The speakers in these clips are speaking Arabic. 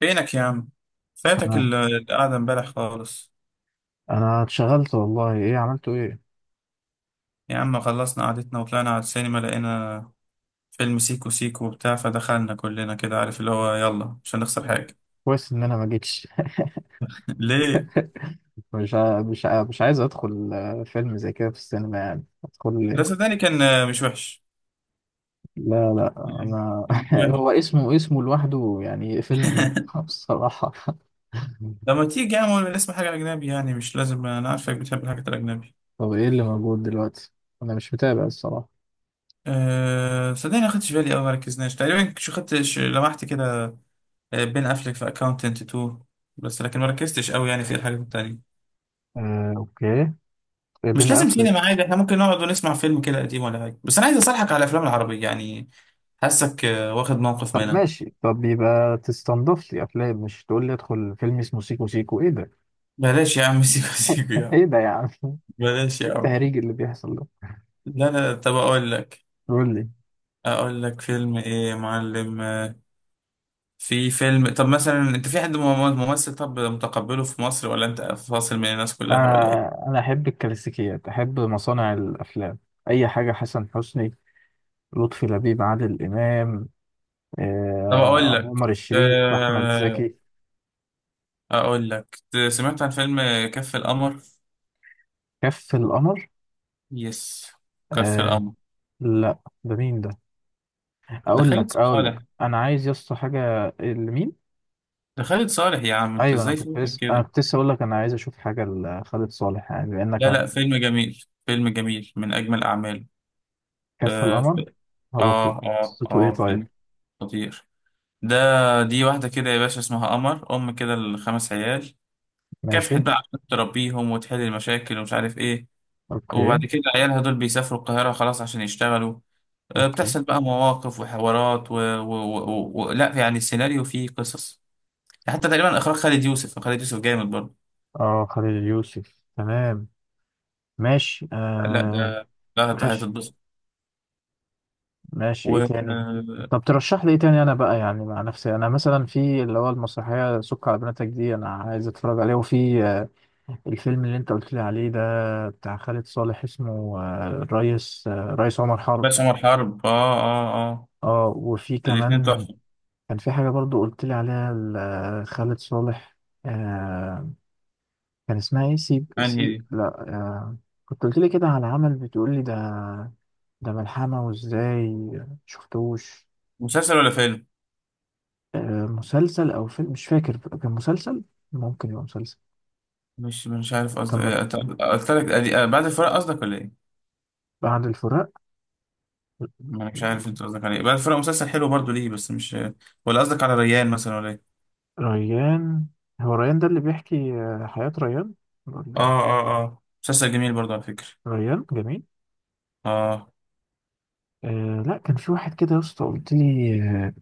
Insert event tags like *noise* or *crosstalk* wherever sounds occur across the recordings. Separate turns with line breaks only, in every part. فينك يا عم؟ فاتك
آه.
القعدة امبارح خالص.
انا اتشغلت والله، ايه عملته ايه؟
يا عم، خلصنا قعدتنا وطلعنا على السينما، لقينا فيلم سيكو سيكو وبتاع، فدخلنا كلنا كده، عارف اللي هو، يلا مش هنخسر
آه.
حاجة.
كويس ان انا ما جيتش.
*laughs* ليه؟
*laughs* مش عايز ادخل فيلم زي كده في السينما، يعني ادخل
لا
ليه؟
صدقني، كان مش وحش،
لا، لا، انا
مش
*laughs*
وحش.
هو اسمه لوحده، يعني قفلني منه *laughs* بصراحة *laughs*
لما تيجي يا عم نسمع حاجة أجنبي، يعني مش لازم، أنا عارفك بتحب الحاجات الأجنبي.
طب، ايه اللي موجود دلوقتي؟ انا مش متابع الصراحة.
أه صدقني، ما خدتش بالي أوي، ما ركزناش تقريبا، شو خدت لمحت كده. بين أفلك في أكاونتنت 2. بس لكن ما ركزتش أوي يعني في الحاجات التانية.
آه، اوكي.
مش
بين
لازم سينما
افلك.
عادي، احنا ممكن نقعد ونسمع فيلم كده قديم ولا حاجه، بس انا عايز اصالحك على الافلام العربيه يعني، حاسك واخد موقف
طب
منها.
ماشي. طب يبقى تستنضف لي افلام، مش تقول لي ادخل فيلم اسمه سيكو سيكو، ايه ده؟ *laughs*
بلاش يا عم *laughs* سيكو سيكو يا عم،
ايه ده يا عم، ايه؟
بلاش يا عم.
التهريج اللي بيحصل ده.
لا لا، طب اقول لك،
قول لي.
فيلم ايه يا معلم؟ في فيلم. طب مثلا انت في حد ممثل طب متقبله في مصر، ولا انت فاصل من الناس كلها، ولا ايه؟
آه، أنا أحب الكلاسيكيات، أحب مصانع الأفلام، أي حاجة. حسن حسني، لطفي لبيب، عادل إمام،
طب اقول لك،
عمر الشريف، أحمد
آه،
زكي.
اقول لك، سمعت عن فيلم كف القمر.
كف القمر.
يس، كف
آه.
القمر.
لا، ده مين ده؟ أقول
دخلت
لك أقول
صالح.
لك أنا عايز يا اسطى حاجة. لمين؟
ده خالد صالح يا عم، انت
أيوه. أنا
ازاي
كنت
فوتك
لسه أنا
كده؟
كنت لسه أقول لك أنا عايز أشوف حاجة لخالد صالح، يعني بما إنك
لا
عم.
لا، فيلم جميل، فيلم جميل، من اجمل اعماله.
كف
اه ف-
القمر. هبقى. قصته إيه؟ طيب.
فيلم خطير ده. دي واحده كده يا باشا اسمها قمر ام كده الخمس عيال، كافحت
ماشي.
بقى عشان تربيهم وتحل المشاكل ومش عارف ايه.
أوكي،
وبعد كده عيالها دول بيسافروا القاهره خلاص عشان يشتغلوا.
أوكي.
بتحصل بقى مواقف وحوارات لا يعني، السيناريو فيه قصص. حتى تقريبا اخراج خالد يوسف، خالد يوسف جامد برضه.
أه، خالد يوسف، تمام. ماشي،
لا
آه.
ده، لا
ماشي،
هتتبسط.
ماشي. ايه تاني؟ طب ترشح لي ايه تاني؟ انا بقى يعني مع نفسي، انا مثلا في اللي هو المسرحيه سك على بناتك دي، انا عايز اتفرج عليه. وفي الفيلم اللي انت قلت لي عليه ده، بتاع خالد صالح، اسمه الريس عمر حرب.
بس عمر حرب، اه اه
اه، وفي
الاتنين
كمان
تحفة.
كان في حاجه برضو قلت لي عليها خالد صالح. آه، كان اسمها ايه؟ سيب
انهي
سيب،
دي؟
لا، كنت قلت لي كده على عمل، بتقول لي ده، ده ملحمه. وازاي؟ شفتوش؟
مسلسل ولا فيلم؟
مسلسل او فيلم، مش فاكر، كان مسلسل. ممكن يبقى مسلسل.
مش عارف قصدك،
تم.
قلت لك بعد الفراق قصدك، ولا ايه؟
بعد الفراق.
ما انا مش عارف انت قصدك على ايه. بعد الفراق مسلسل حلو برضو، ليه بس؟ مش، ولا قصدك على ريان مثلا، ولا ايه؟
ريان. هو ريان ده اللي بيحكي حياة ريان، ولا
اه
إيه؟
اه اه، مسلسل جميل برضو على فكرة.
ريان جميل.
اه،
آه. لا، كان في واحد كده يا اسطى قلت لي. آه.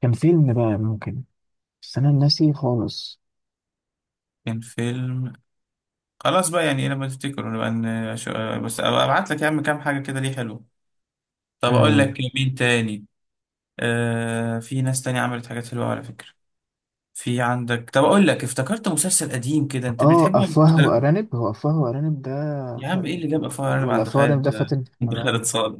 كان فيلم بقى ممكن، بس انا ناسي خالص.
كان فيلم. خلاص بقى، يعني إيه، لما تفتكر نبقى بس أبقى ابعت لك يا عم كام حاجة كده ليه حلو. طب اقول
اه.
لك مين تاني. في ناس تانية عملت حاجات حلوة على فكرة. في عندك، طب اقول لك افتكرت مسلسل قديم كده، انت بتحبه ولا
افواه
بتحبه؟
وارانب، هو افواه وارانب ده؟
يا عم ايه
خل...
اللي جابك فار، انا
ولا
عند
افواه وارانب ده
خالد،
فاتن
عند خالد
حمامة؟
صالح.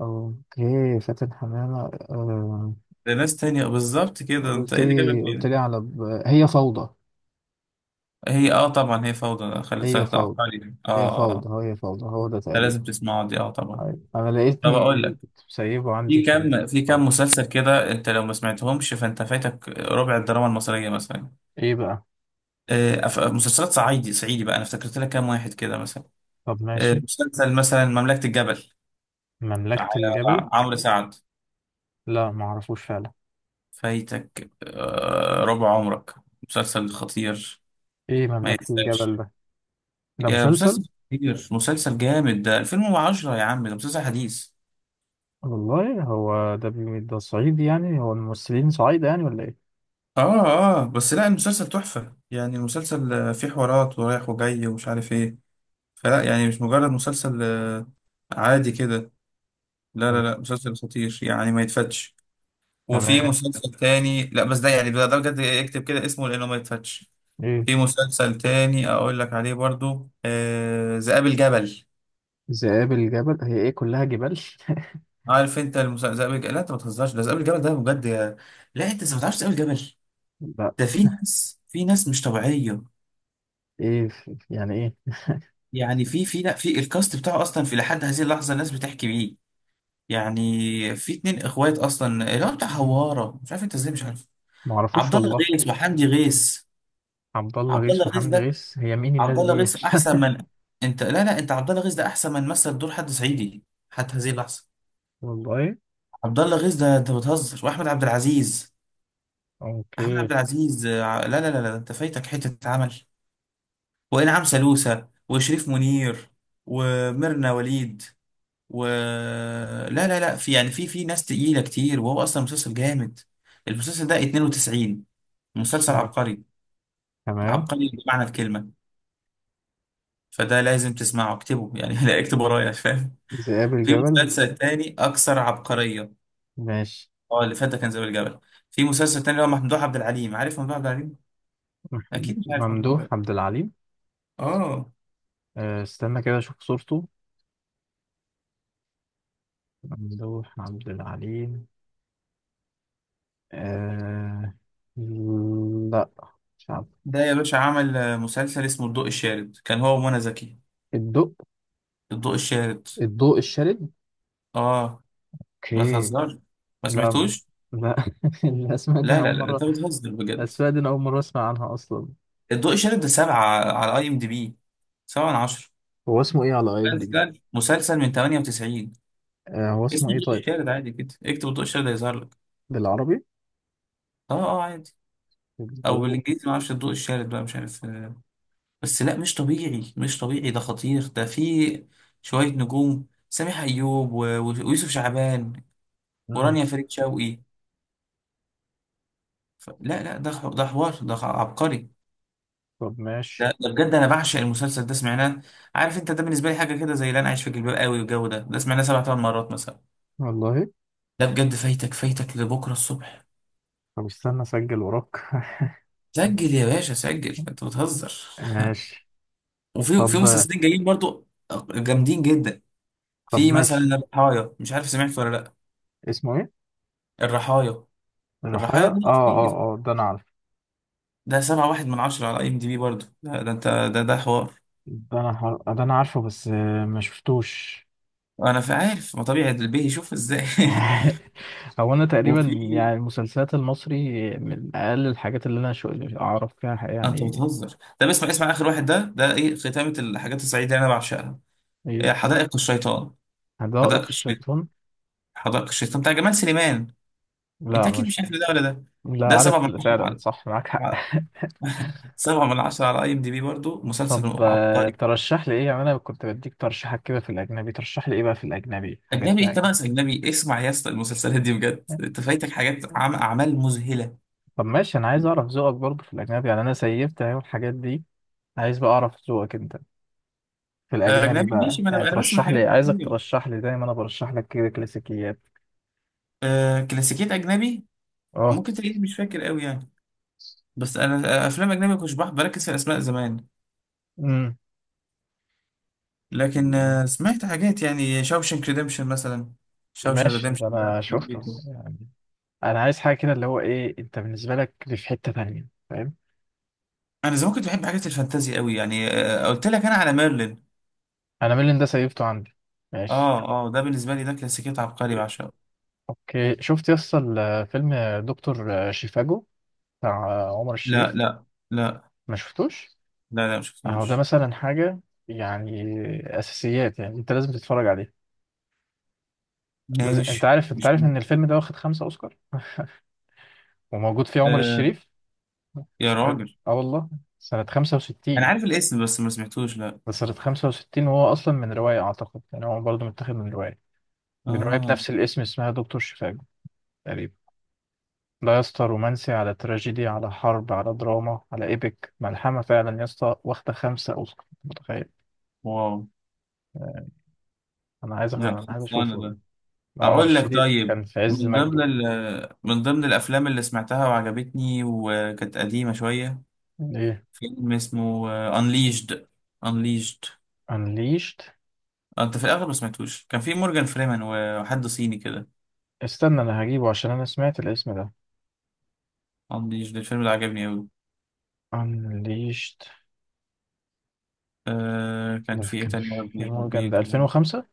اوكي، فاتن حمامة. آه.
ده ناس تانية بالظبط كده، انت
قلت
ايه اللي جابك
لي قلت
هنا؟
لي على هي فوضى.
هي، طبعا هي فوضى. خالد
هي
صالح ده
فوضى،
عبقري ده.
هي فوضى، هي فوضى، هو ده
ده
تقريبا.
لازم تسمعه دي، اه طبعا.
أيوة. انا
طب
لقيتني
اقول لك،
كنت مسيبه عندي في
في
طب
كام مسلسل كده، انت لو ما سمعتهمش فانت فايتك ربع الدراما المصرية مثلا.
ايه بقى؟
مسلسلات صعيدي صعيدي بقى، انا افتكرت لك كام واحد كده مثلا.
طب، ماشي.
مسلسل مثلا مملكة الجبل
مملكة الجبل.
بتاع عمرو سعد.
لا، ما اعرفوش فعلا.
فايتك ربع عمرك، مسلسل خطير
ايه
ما
مملكة الجبل
يتسابش.
ده؟ ده
يا
مسلسل.
مسلسل خطير، مسلسل جامد، ده 2010 يا عم، ده مسلسل حديث.
والله هو ده ده صعيدي، يعني هو الممثلين صعيدة يعني ولا ايه؟
اه اه، بس لا، المسلسل تحفة يعني، المسلسل فيه حوارات ورايح وجاي ومش عارف ايه. فلا يعني، مش مجرد مسلسل عادي كده. لا لا لا،
تمام.
مسلسل خطير يعني ما يتفتش. وفي
تمام.
مسلسل تاني، لا بس ده يعني، ده بجد اكتب كده اسمه، لانه ما يتفتش.
ايه؟
في مسلسل تاني اقول لك عليه برضو، ذئاب الجبل.
ذئاب الجبل، هي ايه كلها جبال؟
عارف انت ذئاب الجبل. لا انت ما تهزرش، ده ذئاب الجبل ده بجد لا انت إزاي ما تعرفش ذئاب الجبل؟
*laughs* لا.
ده في ناس مش طبيعيه،
ايه؟ يعني ايه؟
يعني في في لا في الكاست بتاعه اصلا، في لحد هذه اللحظه الناس بتحكي بيه. يعني في اتنين اخوات اصلا اللي هو بتاع هواره، مش عارف انت ازاي مش عارف.
ما اعرفوش
عبد الله
والله.
غيث وحمدي غيث.
عبد الله
عبد الله
غيث
غيث
وحمدي
ده،
غيث، هي مين الناس
عبد الله
دي؟
غيث احسن
*laughs*
من، انت لا لا، انت عبد الله غيث ده احسن من مثل دور حد صعيدي حتى هذه اللحظه.
والله.
عبد الله غيث ده انت بتهزر. واحمد عبد العزيز، احمد
اوكي.
عبد العزيز لا لا لا لا، انت فايتك حته عمل. وانعام سالوسة وشريف منير وميرنا وليد و لا لا لا، في يعني، في ناس تقيله كتير، وهو اصلا مسلسل جامد. المسلسل ده 92، مسلسل
آه،
عبقري،
تمام.
عبقري بمعنى الكلمه. فده لازم تسمعه، اكتبه يعني *laughs* لا اكتب ورايا، فاهم.
ذئاب
في
الجبل.
مسلسل تاني اكثر عبقريه.
ماشي.
اه، اللي فات ده كان زي الجبل. في مسلسل تاني اللي هو ممدوح عبد العليم، عارف ممدوح عبد العليم؟
مح-
اكيد مش عارف ممدوح عبد
ممدوح
العليم.
عبد العليم.
اه،
أه، استنى كده اشوف صورته. ممدوح عبد العليم. أه. لا، مش عارف.
ده يا باشا عمل مسلسل اسمه الضوء الشارد، كان هو ومنى زكي.
الضوء.
الضوء الشارد،
الضوء الشارد.
اه، ما
اوكي.
تهزرش، ما
لا.
سمعتوش؟
لا *laughs* الاسماء دي انا
لا
اول
لا لا،
مره
انت بتهزر بجد.
الاسماء دي انا اول مره اسمع عنها اصلا.
الضوء الشارد ده سبعة على IMDB، 7/10.
هو اسمه ايه على اي ام دي بي؟
مسلسل من 98،
هو اسمه
اسمه
ايه
الضوء
طيب؟
الشارد عادي كده، اكتب الضوء الشارد هيظهر لك.
بالعربي؟
اه اه، عادي، او
الضوء.
بالانجليزي، ما اعرفش. الضوء الشارد بقى مش عارف بس لا، مش طبيعي، مش طبيعي، ده خطير، ده فيه شوية نجوم، سامح ايوب ويوسف شعبان ورانيا فريد شوقي. لا لا، ده حوار، ده عبقري.
طب ماشي.
ده بجد، انا بعشق المسلسل ده، سمعناه. عارف انت، ده بالنسبه لي حاجه كده زي اللي انا عايش في جلباب قوي والجو، ده سمعناه سبع ثمان مرات مثلا.
والله.
ده بجد فايتك، فايتك لبكره الصبح.
طب استنى اسجل وراك.
سجل يا باشا، سجل،
*laughs*
انت بتهزر *laughs*
ماشي.
وفي
طب
مسلسلين جايين برضو، جامدين جدا.
طب
في مثلا
ماشي.
الرحايا، مش عارف سمعت ولا لا.
اسمه ايه؟
الرحايا،
الرحايا.
ده
اه،
كتير.
اه، اه، ده انا عارفه.
ده 7.1/10 على IMDB برضه، ده انت، ده حوار.
ده انا عارفه بس ما شفتوش.
انا في عارف ما طبيعي البيه يشوف ازاي.
*laughs* هو انا
*laughs*
تقريبا
وفي
يعني المسلسلات المصري من اقل الحاجات اللي انا شو اعرف فيها
انت
يعني.
بتهزر، طب اسمع، اسمع اخر واحد ده ايه ختامة الحاجات السعيدة اللي انا بعشقها.
ايه؟
إيه، حدائق الشيطان. حدائق
حدائق
الشيطان،
الشيطان.
حدائق الشيطان بتاع جمال سليمان. انت
لا،
اكيد مش
مش.
عارف ده ولا ده.
لا،
ده سبعة
عارف
من عشرة
فعلا،
على
صح، معاك حق.
على- 7/10 على IMDB برضه، مسلسل
طب،
عبقري.
ترشح لي ايه يعني، انا كنت بديك ترشيحات كده في الاجنبي، ترشح لي ايه بقى في الاجنبي، حاجات
اجنبي ايه؟
بقى
انت
كده.
ناقص اجنبي؟ اسمع يا اسطى، المسلسلات دي بجد، انت فايتك حاجات اعمال مذهلة.
طب ماشي. انا عايز اعرف ذوقك برضه في الاجنبي، يعني انا سيفت اهو الحاجات دي. عايز بقى اعرف ذوقك انت في الاجنبي
اجنبي
بقى،
ماشي، ما
يعني
انا بسمع
ترشح لي،
حاجات
عايزك
كتير.
ترشح لي دايما، انا برشح لك كده كلاسيكيات.
كلاسيكيات اجنبي،
اه.
ممكن تلاقيني مش فاكر قوي يعني. بس انا، افلام اجنبي كنتش بركز في الاسماء زمان.
امم.
لكن سمعت حاجات، يعني شاوشنك ريديمشن مثلا. شاوشن
ماشي،
ريديمشن
ده انا
ده
شفته،
حبيته.
يعني. انا عايز حاجه كده، اللي هو ايه، انت بالنسبه لك دي في حته تانية، فاهم؟
انا زمان كنت بحب حاجات الفانتازي قوي يعني، قلت لك انا على ميرلين.
انا ميلان ده سيفته عندي. ماشي.
اه اه، ده بالنسبه لي ده كلاسيكيات عبقري بعشقه.
اوكي. شفت يسطا فيلم دكتور شيفاجو بتاع عمر
لا
الشريف؟
لا لا
ما شفتوش؟
لا لا، ما
اهو ده
شفتوش،
مثلا حاجه، يعني اساسيات، يعني انت لازم تتفرج عليه. لازم. انت
ماشي
عارف انت
مش
عارف ان
مهم.
الفيلم ده واخد 5 اوسكار، وموجود فيه عمر
آه
الشريف.
يا
عارف.
راجل،
اه والله. سنه
انا
65.
عارف الاسم بس ما سمعتوش، لا.
ده سنه 65، وهو اصلا من روايه، اعتقد يعني هو برضه متاخد من روايه
اه،
بنفس الاسم، اسمها دكتور شيفاجو تقريبا. لا يا اسطى، رومانسي على تراجيدي على حرب على دراما على ايبك، ملحمة فعلا يا اسطى، واخدة 5 اوسكار، متخيل؟
واو،
آه،
لا
انا عايز
خلصانه
اشوفه.
ده.
عمر
اقول لك،
الشريف
طيب
كان في عز
من ضمن
مجده.
من ضمن الافلام اللي سمعتها وعجبتني وكانت قديمه شويه،
ايه؟
فيلم اسمه انليشد. انليشد
انليشت.
انت في الاغلب ما سمعتوش، كان في مورجان فريمان وحد صيني كده.
استنى انا هجيبه عشان انا سمعت الاسم ده.
انليشد الفيلم ده عجبني قوي.
انليشت.
كان
ده
في ايه
كان
تاني يا
في
ربي،
مورجان، ده
حبيته.
2005.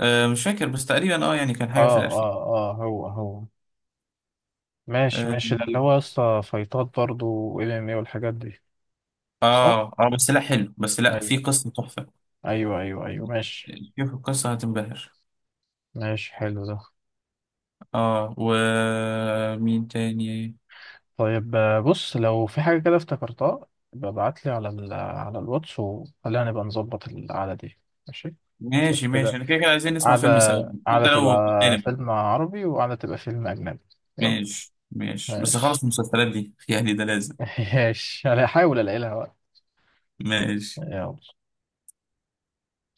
مش فاكر بس تقريبا، يعني كان حاجه في
اه،
الالفين.
اه، اه، هو هو. ماشي
اه
ماشي، ده اللي هو يا اسطى فايتات برضه، وام ام اي والحاجات دي. صح.
اه، بس لا حلو، بس لا،
ايوه،
في قصه تحفه.
ايوه، ايوه، ايوه، ماشي.
شوف القصه هتنبهر.
ماشي، حلو ده.
اه، ومين تاني؟
طيب. بص، لو في حاجة كده افتكرتها ببعت لي على ال على الواتس، وخلينا نبقى نظبط القعدة دي. ماشي. نشوف
ماشي
كده.
ماشي، انا كده كده عايزين نسمع
قعدة،
فيلم سوا،
قعدة
حتى لو
تبقى
اجنبي.
فيلم عربي، وقعدة تبقى فيلم أجنبي. يلا.
ماشي ماشي، بس خلص
ماشي.
المسلسلات دي *laughs* يعني ده لازم.
*laughs* ماشي، أنا هحاول ألاقي لها وقت.
ماشي.
يلا.